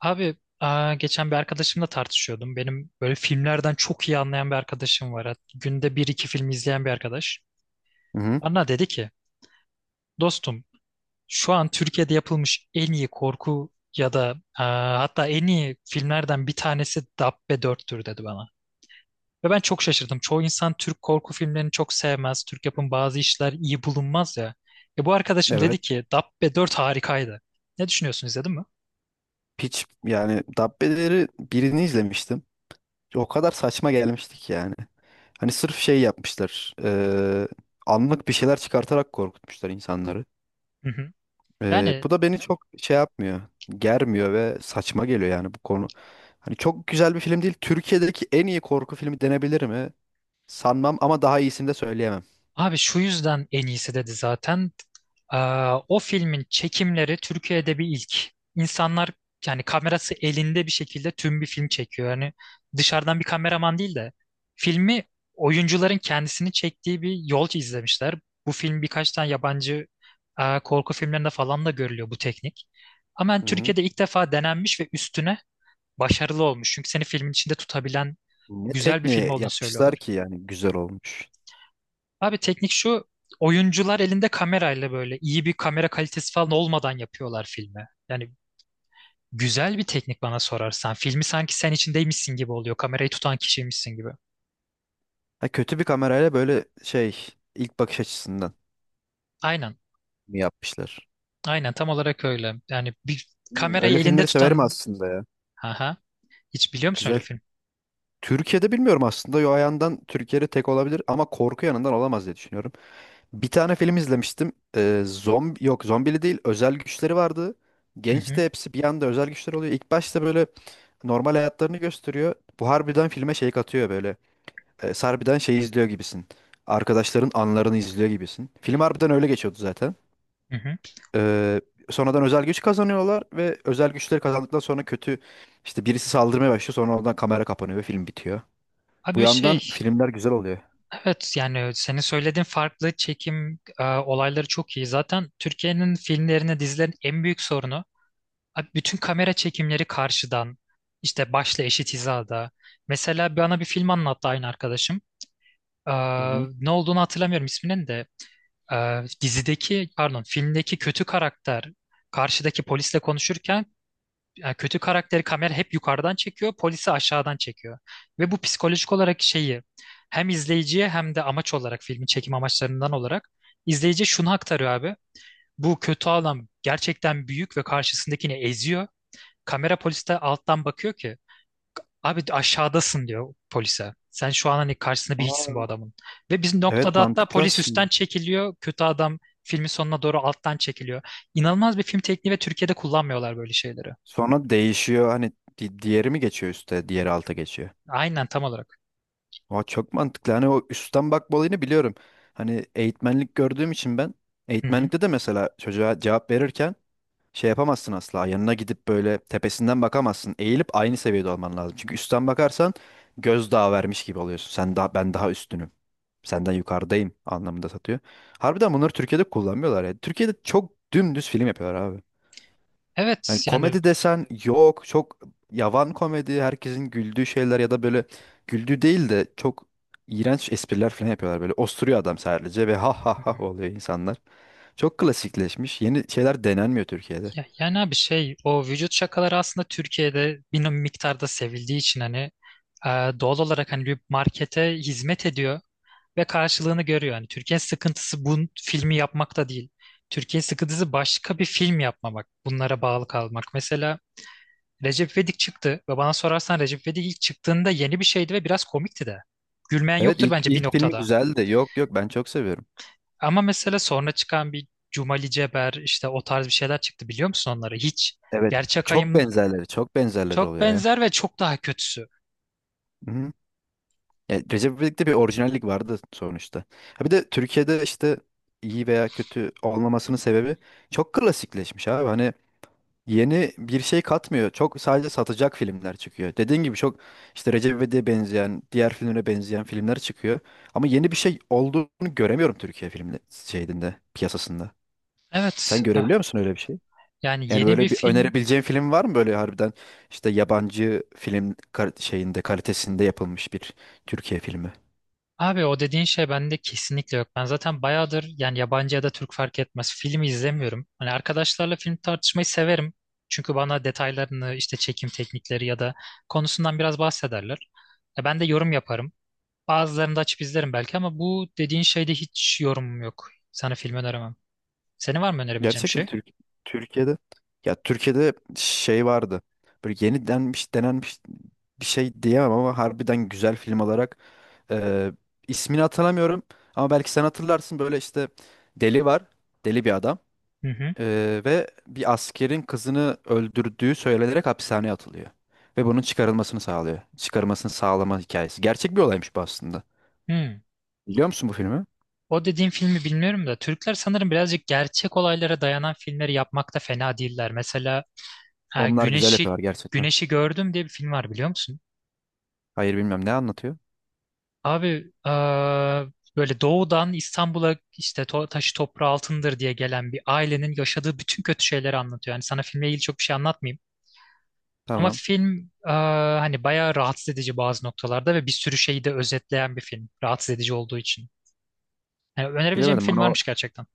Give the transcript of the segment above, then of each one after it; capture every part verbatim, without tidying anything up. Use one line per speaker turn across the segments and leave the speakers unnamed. Abi aa, geçen bir arkadaşımla tartışıyordum. Benim böyle filmlerden çok iyi anlayan bir arkadaşım var. Hat- Günde bir iki film izleyen bir arkadaş.
Hı hı.
Bana dedi ki dostum, şu an Türkiye'de yapılmış en iyi korku ya da aa, hatta en iyi filmlerden bir tanesi Dabbe dörttür dedi bana. Ve ben çok şaşırdım. Çoğu insan Türk korku filmlerini çok sevmez. Türk yapım bazı işler iyi bulunmaz ya. E bu arkadaşım dedi
Evet.
ki Dabbe dört harikaydı. Ne düşünüyorsun, izledin mi?
Hiç yani Dabbeleri birini izlemiştim. O kadar saçma gelmiştik yani. Hani sırf şey yapmışlar. Eee, anlık bir şeyler çıkartarak korkutmuşlar insanları.
Hı hı.
Eee,
Yani
bu da beni çok şey yapmıyor. Germiyor ve saçma geliyor yani bu konu. Hani çok güzel bir film değil. Türkiye'deki en iyi korku filmi denebilir mi? Sanmam ama daha iyisini de söyleyemem.
abi şu yüzden en iyisi dedi zaten. Aa, o filmin çekimleri Türkiye'de bir ilk. İnsanlar, yani kamerası elinde bir şekilde tüm bir film çekiyor. Yani dışarıdan bir kameraman değil de filmi oyuncuların kendisini çektiği bir yol izlemişler. Bu film birkaç tane yabancı aa, korku filmlerinde falan da görülüyor bu teknik. Ama yani
Hı hı.
Türkiye'de ilk defa denenmiş ve üstüne başarılı olmuş. Çünkü seni filmin içinde tutabilen
Ne
güzel bir film
tekniği
olduğunu
yapmışlar
söylüyorlar.
ki yani güzel olmuş.
Abi teknik şu, oyuncular elinde kamerayla böyle iyi bir kamera kalitesi falan olmadan yapıyorlar filmi. Yani güzel bir teknik bana sorarsan. Filmi sanki sen içindeymişsin gibi oluyor. Kamerayı tutan kişiymişsin gibi.
Ha, kötü bir kamerayla böyle şey ilk bakış açısından
Aynen.
mi yapmışlar?
Aynen tam olarak öyle. Yani bir
Hmm,
kamerayı
öyle
elinde
filmleri severim
tutan.
aslında ya.
Aha. Hiç biliyor musun öyle
Güzel.
bir film?
Türkiye'de bilmiyorum aslında. Yo ayandan Türkiye'de tek olabilir ama korku yanından olamaz diye düşünüyorum. Bir tane film izlemiştim. Ee, zombi yok, zombili değil, özel güçleri vardı.
Hı
Genç
hı.
de hepsi bir anda özel güçler oluyor. İlk başta böyle normal hayatlarını gösteriyor. Bu harbiden filme şey katıyor böyle. Ee, harbiden şey izliyor gibisin. Arkadaşların anlarını izliyor gibisin. Film harbiden öyle geçiyordu zaten.
Hı hı.
Ee, Sonradan özel güç kazanıyorlar ve özel güçleri kazandıktan sonra kötü işte birisi saldırmaya başlıyor, sonra oradan kamera kapanıyor ve film bitiyor. Bu
Abi
yandan
şey.
filmler güzel oluyor.
Evet yani, senin söylediğin farklı çekim e, olayları çok iyi. Zaten Türkiye'nin filmlerine, dizilerin en büyük sorunu. Abi bütün kamera çekimleri karşıdan, işte başla eşit hizada. Mesela bana bir film anlattı aynı arkadaşım. Ee,
Hı hı.
Ne olduğunu hatırlamıyorum isminin de. Ee, dizideki, pardon, filmdeki kötü karakter karşıdaki polisle konuşurken e, kötü karakteri kamera hep yukarıdan çekiyor, polisi aşağıdan çekiyor. Ve bu psikolojik olarak şeyi hem izleyiciye hem de amaç olarak filmin çekim amaçlarından olarak izleyiciye şunu aktarıyor abi. Bu kötü adam gerçekten büyük ve karşısındakini eziyor. Kamera poliste alttan bakıyor ki abi aşağıdasın diyor polise. Sen şu an hani karşısında bir hiçsin bu
Aa.
adamın. Ve biz
Evet,
noktada hatta
mantıklı
polis
aslında.
üstten çekiliyor. Kötü adam filmin sonuna doğru alttan çekiliyor. İnanılmaz bir film tekniği ve Türkiye'de kullanmıyorlar böyle şeyleri.
Sonra değişiyor hani di- diğeri mi geçiyor üste, diğeri alta geçiyor.
Aynen tam olarak.
Aa, çok mantıklı. Hani o üstten bakma olayını biliyorum. Hani eğitmenlik gördüğüm için ben
Hı hı.
eğitmenlikte de mesela çocuğa cevap verirken şey yapamazsın asla. Yanına gidip böyle tepesinden bakamazsın. Eğilip aynı seviyede olman lazım. Çünkü üstten bakarsan gözdağı vermiş gibi oluyorsun. Sen daha, ben daha üstünüm. Senden yukarıdayım anlamında satıyor. Harbiden bunları Türkiye'de kullanmıyorlar ya. Türkiye'de çok dümdüz film yapıyorlar abi. Yani
Evet yani.
komedi desen yok, çok yavan komedi, herkesin güldüğü şeyler ya da böyle güldüğü değil de çok iğrenç espriler falan yapıyorlar, böyle osturuyor adam sadece ve ha ha ha oluyor insanlar. Çok klasikleşmiş, yeni şeyler denenmiyor Türkiye'de.
Ya, yani abi şey, o vücut şakaları aslında Türkiye'de bir no, miktarda sevildiği için hani e, doğal olarak hani bir markete hizmet ediyor ve karşılığını görüyor. Hani Türkiye'nin sıkıntısı bu filmi yapmakta değil. Türkiye'nin sıkıntısı başka bir film yapmamak, bunlara bağlı kalmak. Mesela Recep İvedik çıktı ve bana sorarsan Recep İvedik ilk çıktığında yeni bir şeydi ve biraz komikti de. Gülmeyen
Evet
yoktur
ilk,
bence bir
ilk filmi
noktada.
güzeldi, yok yok ben çok seviyorum.
Ama mesela sonra çıkan bir Cumali Ceber, işte o tarz bir şeyler çıktı, biliyor musun onları? Hiç
Evet,
gerçek.
çok benzerleri çok benzerleri
Çok
oluyor ya.
benzer ve çok daha kötüsü.
Hı-hı. Yani Recep İvedik'te bir orijinallik vardı sonuçta. Ha bir de Türkiye'de işte iyi veya kötü olmamasının sebebi çok klasikleşmiş abi. Hani yeni bir şey katmıyor. Çok sadece satacak filmler çıkıyor. Dediğin gibi çok işte Recep İvedik'e benzeyen, diğer filmlere benzeyen filmler çıkıyor. Ama yeni bir şey olduğunu göremiyorum Türkiye filmde şeyinde, piyasasında.
Evet,
Sen görebiliyor
ah,
musun öyle bir şey?
yani
Yani
yeni bir
böyle bir
film.
önerebileceğin film var mı böyle harbiden işte yabancı film kar- şeyinde kalitesinde yapılmış bir Türkiye filmi?
Abi o dediğin şey bende kesinlikle yok. Ben zaten bayağıdır yani yabancı ya da Türk fark etmez filmi izlemiyorum. Hani arkadaşlarla film tartışmayı severim. Çünkü bana detaylarını işte çekim teknikleri ya da konusundan biraz bahsederler. E, ben de yorum yaparım. Bazılarını da açıp izlerim belki ama bu dediğin şeyde hiç yorumum yok. Sana film öneremem. Senin var mı önerebileceğim
Gerçekten
şey?
Türk Türkiye'de, ya Türkiye'de şey vardı. Böyle yeni denmiş denenmiş bir şey diyemem ama harbiden güzel film olarak e, ismini hatırlamıyorum ama belki sen hatırlarsın böyle işte deli var. Deli bir adam
Hı hı.
e, ve bir askerin kızını öldürdüğü söylenerek hapishaneye atılıyor ve bunun çıkarılmasını sağlıyor. Çıkarılmasını sağlama hikayesi. Gerçek bir olaymış bu aslında.
Hı.
Biliyor musun bu filmi?
O dediğim filmi bilmiyorum da Türkler sanırım birazcık gerçek olaylara dayanan filmleri yapmakta fena değiller. Mesela e,
Onlar güzel
Güneşi
yapıyorlar gerçekten.
Güneşi Gördüm diye bir film var, biliyor musun?
Hayır, bilmem, ne anlatıyor.
Abi e, böyle doğudan İstanbul'a işte to- taşı toprağı altındır diye gelen bir ailenin yaşadığı bütün kötü şeyleri anlatıyor. Yani sana filmle ilgili çok bir şey anlatmayayım. Ama
Tamam.
film e, hani bayağı rahatsız edici bazı noktalarda ve bir sürü şeyi de özetleyen bir film. Rahatsız edici olduğu için. Yani önerebileceğim bir
Bilemedim,
film
bana o
varmış gerçekten.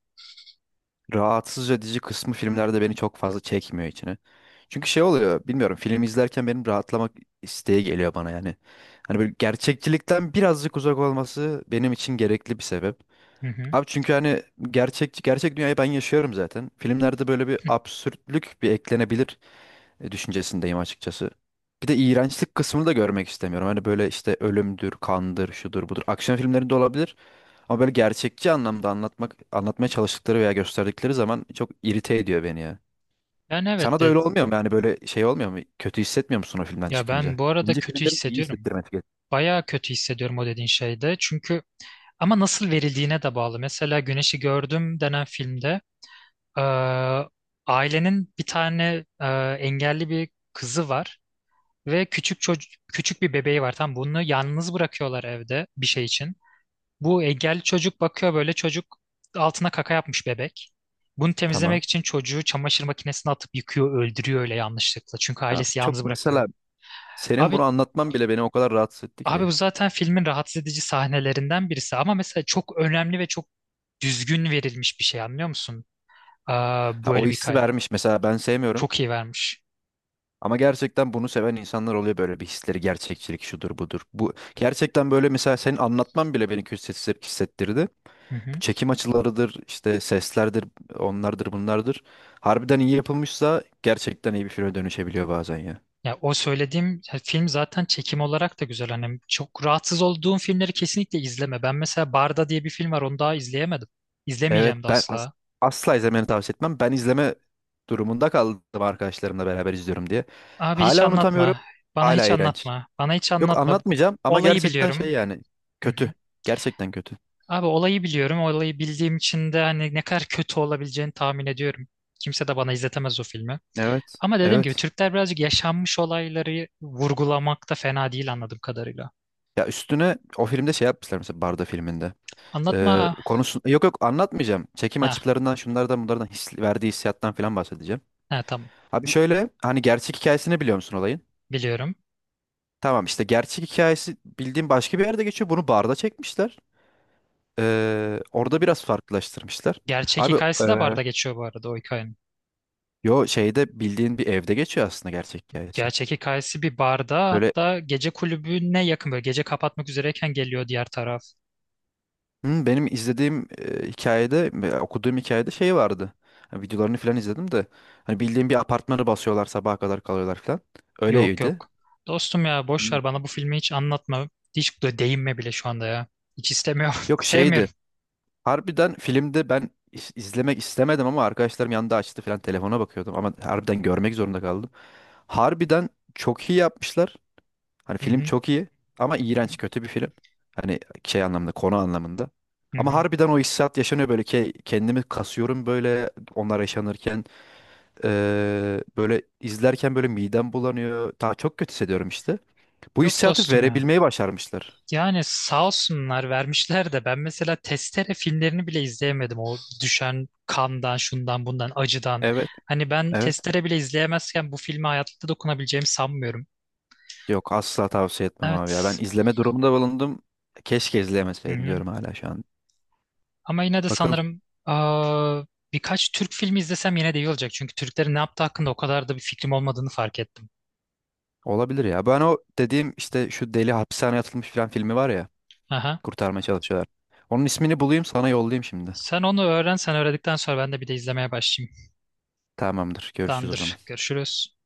rahatsız edici kısmı filmlerde beni çok fazla çekmiyor içine. Çünkü şey oluyor, bilmiyorum, film izlerken benim rahatlamak isteği geliyor bana yani. Hani böyle gerçekçilikten birazcık uzak olması benim için gerekli bir sebep.
Hı hı.
Abi çünkü hani gerçek gerçek dünyayı ben yaşıyorum zaten. Filmlerde böyle bir absürtlük bir eklenebilir e, düşüncesindeyim açıkçası. Bir de iğrençlik kısmını da görmek istemiyorum. Hani böyle işte ölümdür, kandır, şudur, budur. Aksiyon filmlerinde olabilir. Ama böyle gerçekçi anlamda anlatmak, anlatmaya çalıştıkları veya gösterdikleri zaman çok irite ediyor beni ya.
Yani evet
Sana da
de
öyle olmuyor mu? Yani böyle şey olmuyor mu? Kötü hissetmiyor musun o filmden
ya ben
çıkınca?
bu arada
Bence
kötü
filmlerin iyi
hissediyorum.
hissettirmesi gerek.
Bayağı kötü hissediyorum o dediğin şeyde. Çünkü ama nasıl verildiğine de bağlı. Mesela Güneşi Gördüm denen filmde e, ailenin bir tane e, engelli bir kızı var ve küçük çocuk, küçük bir bebeği var. Tam bunu yalnız bırakıyorlar evde bir şey için. Bu engelli çocuk bakıyor böyle, çocuk altına kaka yapmış bebek. Bunu
Tamam.
temizlemek için çocuğu çamaşır makinesine atıp yıkıyor, öldürüyor öyle yanlışlıkla. Çünkü
Abi
ailesi
çok
yalnız bırakıyor.
mesela senin
Abi
bunu anlatman bile beni o kadar rahatsız etti
abi bu
ki.
zaten filmin rahatsız edici sahnelerinden birisi ama mesela çok önemli ve çok düzgün verilmiş bir şey, anlıyor musun? Aa,
Ha, o
böyle bir
hissi
hikaye.
vermiş. Mesela ben sevmiyorum.
Çok iyi vermiş.
Ama gerçekten bunu seven insanlar oluyor, böyle bir hisleri gerçekçilik, şudur budur. Bu gerçekten böyle mesela senin anlatman bile beni kötü hissettirdi.
Hı
Bu
hı.
çekim açılarıdır, işte seslerdir, onlardır, bunlardır. Harbiden iyi yapılmışsa gerçekten iyi bir filme dönüşebiliyor bazen ya.
Ya o söylediğim ya, film zaten çekim olarak da güzel. Hani çok rahatsız olduğum filmleri kesinlikle izleme. Ben mesela Barda diye bir film var, onu daha izleyemedim.
Evet
İzlemeyeceğim de
ben as-
asla.
asla izlemeni tavsiye etmem. Ben izleme durumunda kaldım arkadaşlarımla beraber izliyorum diye.
Abi hiç
Hala unutamıyorum.
anlatma. Bana
Hala
hiç
iğrenç.
anlatma. Bana hiç
Yok
anlatma.
anlatmayacağım ama
Olayı
gerçekten şey
biliyorum.
yani
Hı
kötü.
hı.
Gerçekten kötü.
Abi olayı biliyorum. Olayı bildiğim için de hani ne kadar kötü olabileceğini tahmin ediyorum. Kimse de bana izletemez o filmi.
Evet.
Ama dediğim gibi
Evet.
Türkler birazcık yaşanmış olayları vurgulamakta fena değil anladığım kadarıyla.
Ya üstüne o filmde şey yapmışlar mesela Barda filminde. Ee,
Anlatma.
konusu yok yok anlatmayacağım. Çekim
Ha,
açılarından, şunlardan bunlardan his, verdiği hissiyattan falan bahsedeceğim.
ha tamam.
Abi şöyle hani gerçek hikayesini biliyor musun olayın?
Biliyorum.
Tamam, işte gerçek hikayesi bildiğim başka bir yerde geçiyor. Bunu barda çekmişler. Ee, orada biraz farklılaştırmışlar.
Gerçek
Abi e,
hikayesi de barda geçiyor bu arada o hikayenin.
yo şeyde bildiğin bir evde geçiyor aslında gerçek hikayesi.
Gerçek hikayesi bir barda,
Öyle.
hatta gece kulübüne yakın, böyle gece kapatmak üzereyken geliyor diğer taraf.
Hı, benim izlediğim e, hikayede, e, okuduğum hikayede şey vardı. Ha, videolarını falan izledim de. Hani bildiğim bir apartmanı basıyorlar, sabaha kadar kalıyorlar falan.
Yok
Öyleydi.
yok. Dostum ya boş
Hmm.
ver, bana bu filmi hiç anlatma. Hiç de değinme bile şu anda ya. Hiç istemiyorum.
Yok
Sevmiyorum.
şeydi. Harbiden filmde ben is- izlemek istemedim ama arkadaşlarım yanında açtı falan, telefona bakıyordum. Ama harbiden görmek zorunda kaldım. Harbiden çok iyi yapmışlar. Hani
Hı
film
hı.
çok iyi ama
Hı hı.
iğrenç, kötü bir film. Hani şey anlamında, konu anlamında.
Hı
Ama
hı.
harbiden o hissiyat yaşanıyor böyle ki kendimi kasıyorum böyle onlar yaşanırken. Ee, böyle izlerken böyle midem bulanıyor. Daha çok kötü hissediyorum işte. Bu
Yok
hissiyatı
dostum ya.
verebilmeyi başarmışlar.
Yani sağ olsunlar vermişler de ben mesela Testere filmlerini bile izleyemedim. O düşen kandan, şundan, bundan, acıdan.
Evet,
Hani ben
evet.
Testere bile izleyemezken bu filme hayatta dokunabileceğimi sanmıyorum.
Yok asla tavsiye etmem abi ya. Ben
Evet.
izleme durumunda bulundum. Keşke
Hı
izlemeseydim
hı.
diyorum hala şu an.
Ama yine de
Bakın,
sanırım aa, birkaç Türk filmi izlesem yine de iyi olacak. Çünkü Türklerin ne yaptığı hakkında o kadar da bir fikrim olmadığını fark ettim.
olabilir ya. Ben o dediğim işte şu deli hapishaneye atılmış filan filmi var ya.
Aha.
Kurtarmaya çalışıyorlar. Onun ismini bulayım sana yollayayım şimdi.
Sen onu öğren. Sen öğrendikten sonra ben de bir de izlemeye başlayayım.
Tamamdır. Görüşürüz o zaman.
Tamamdır. Görüşürüz.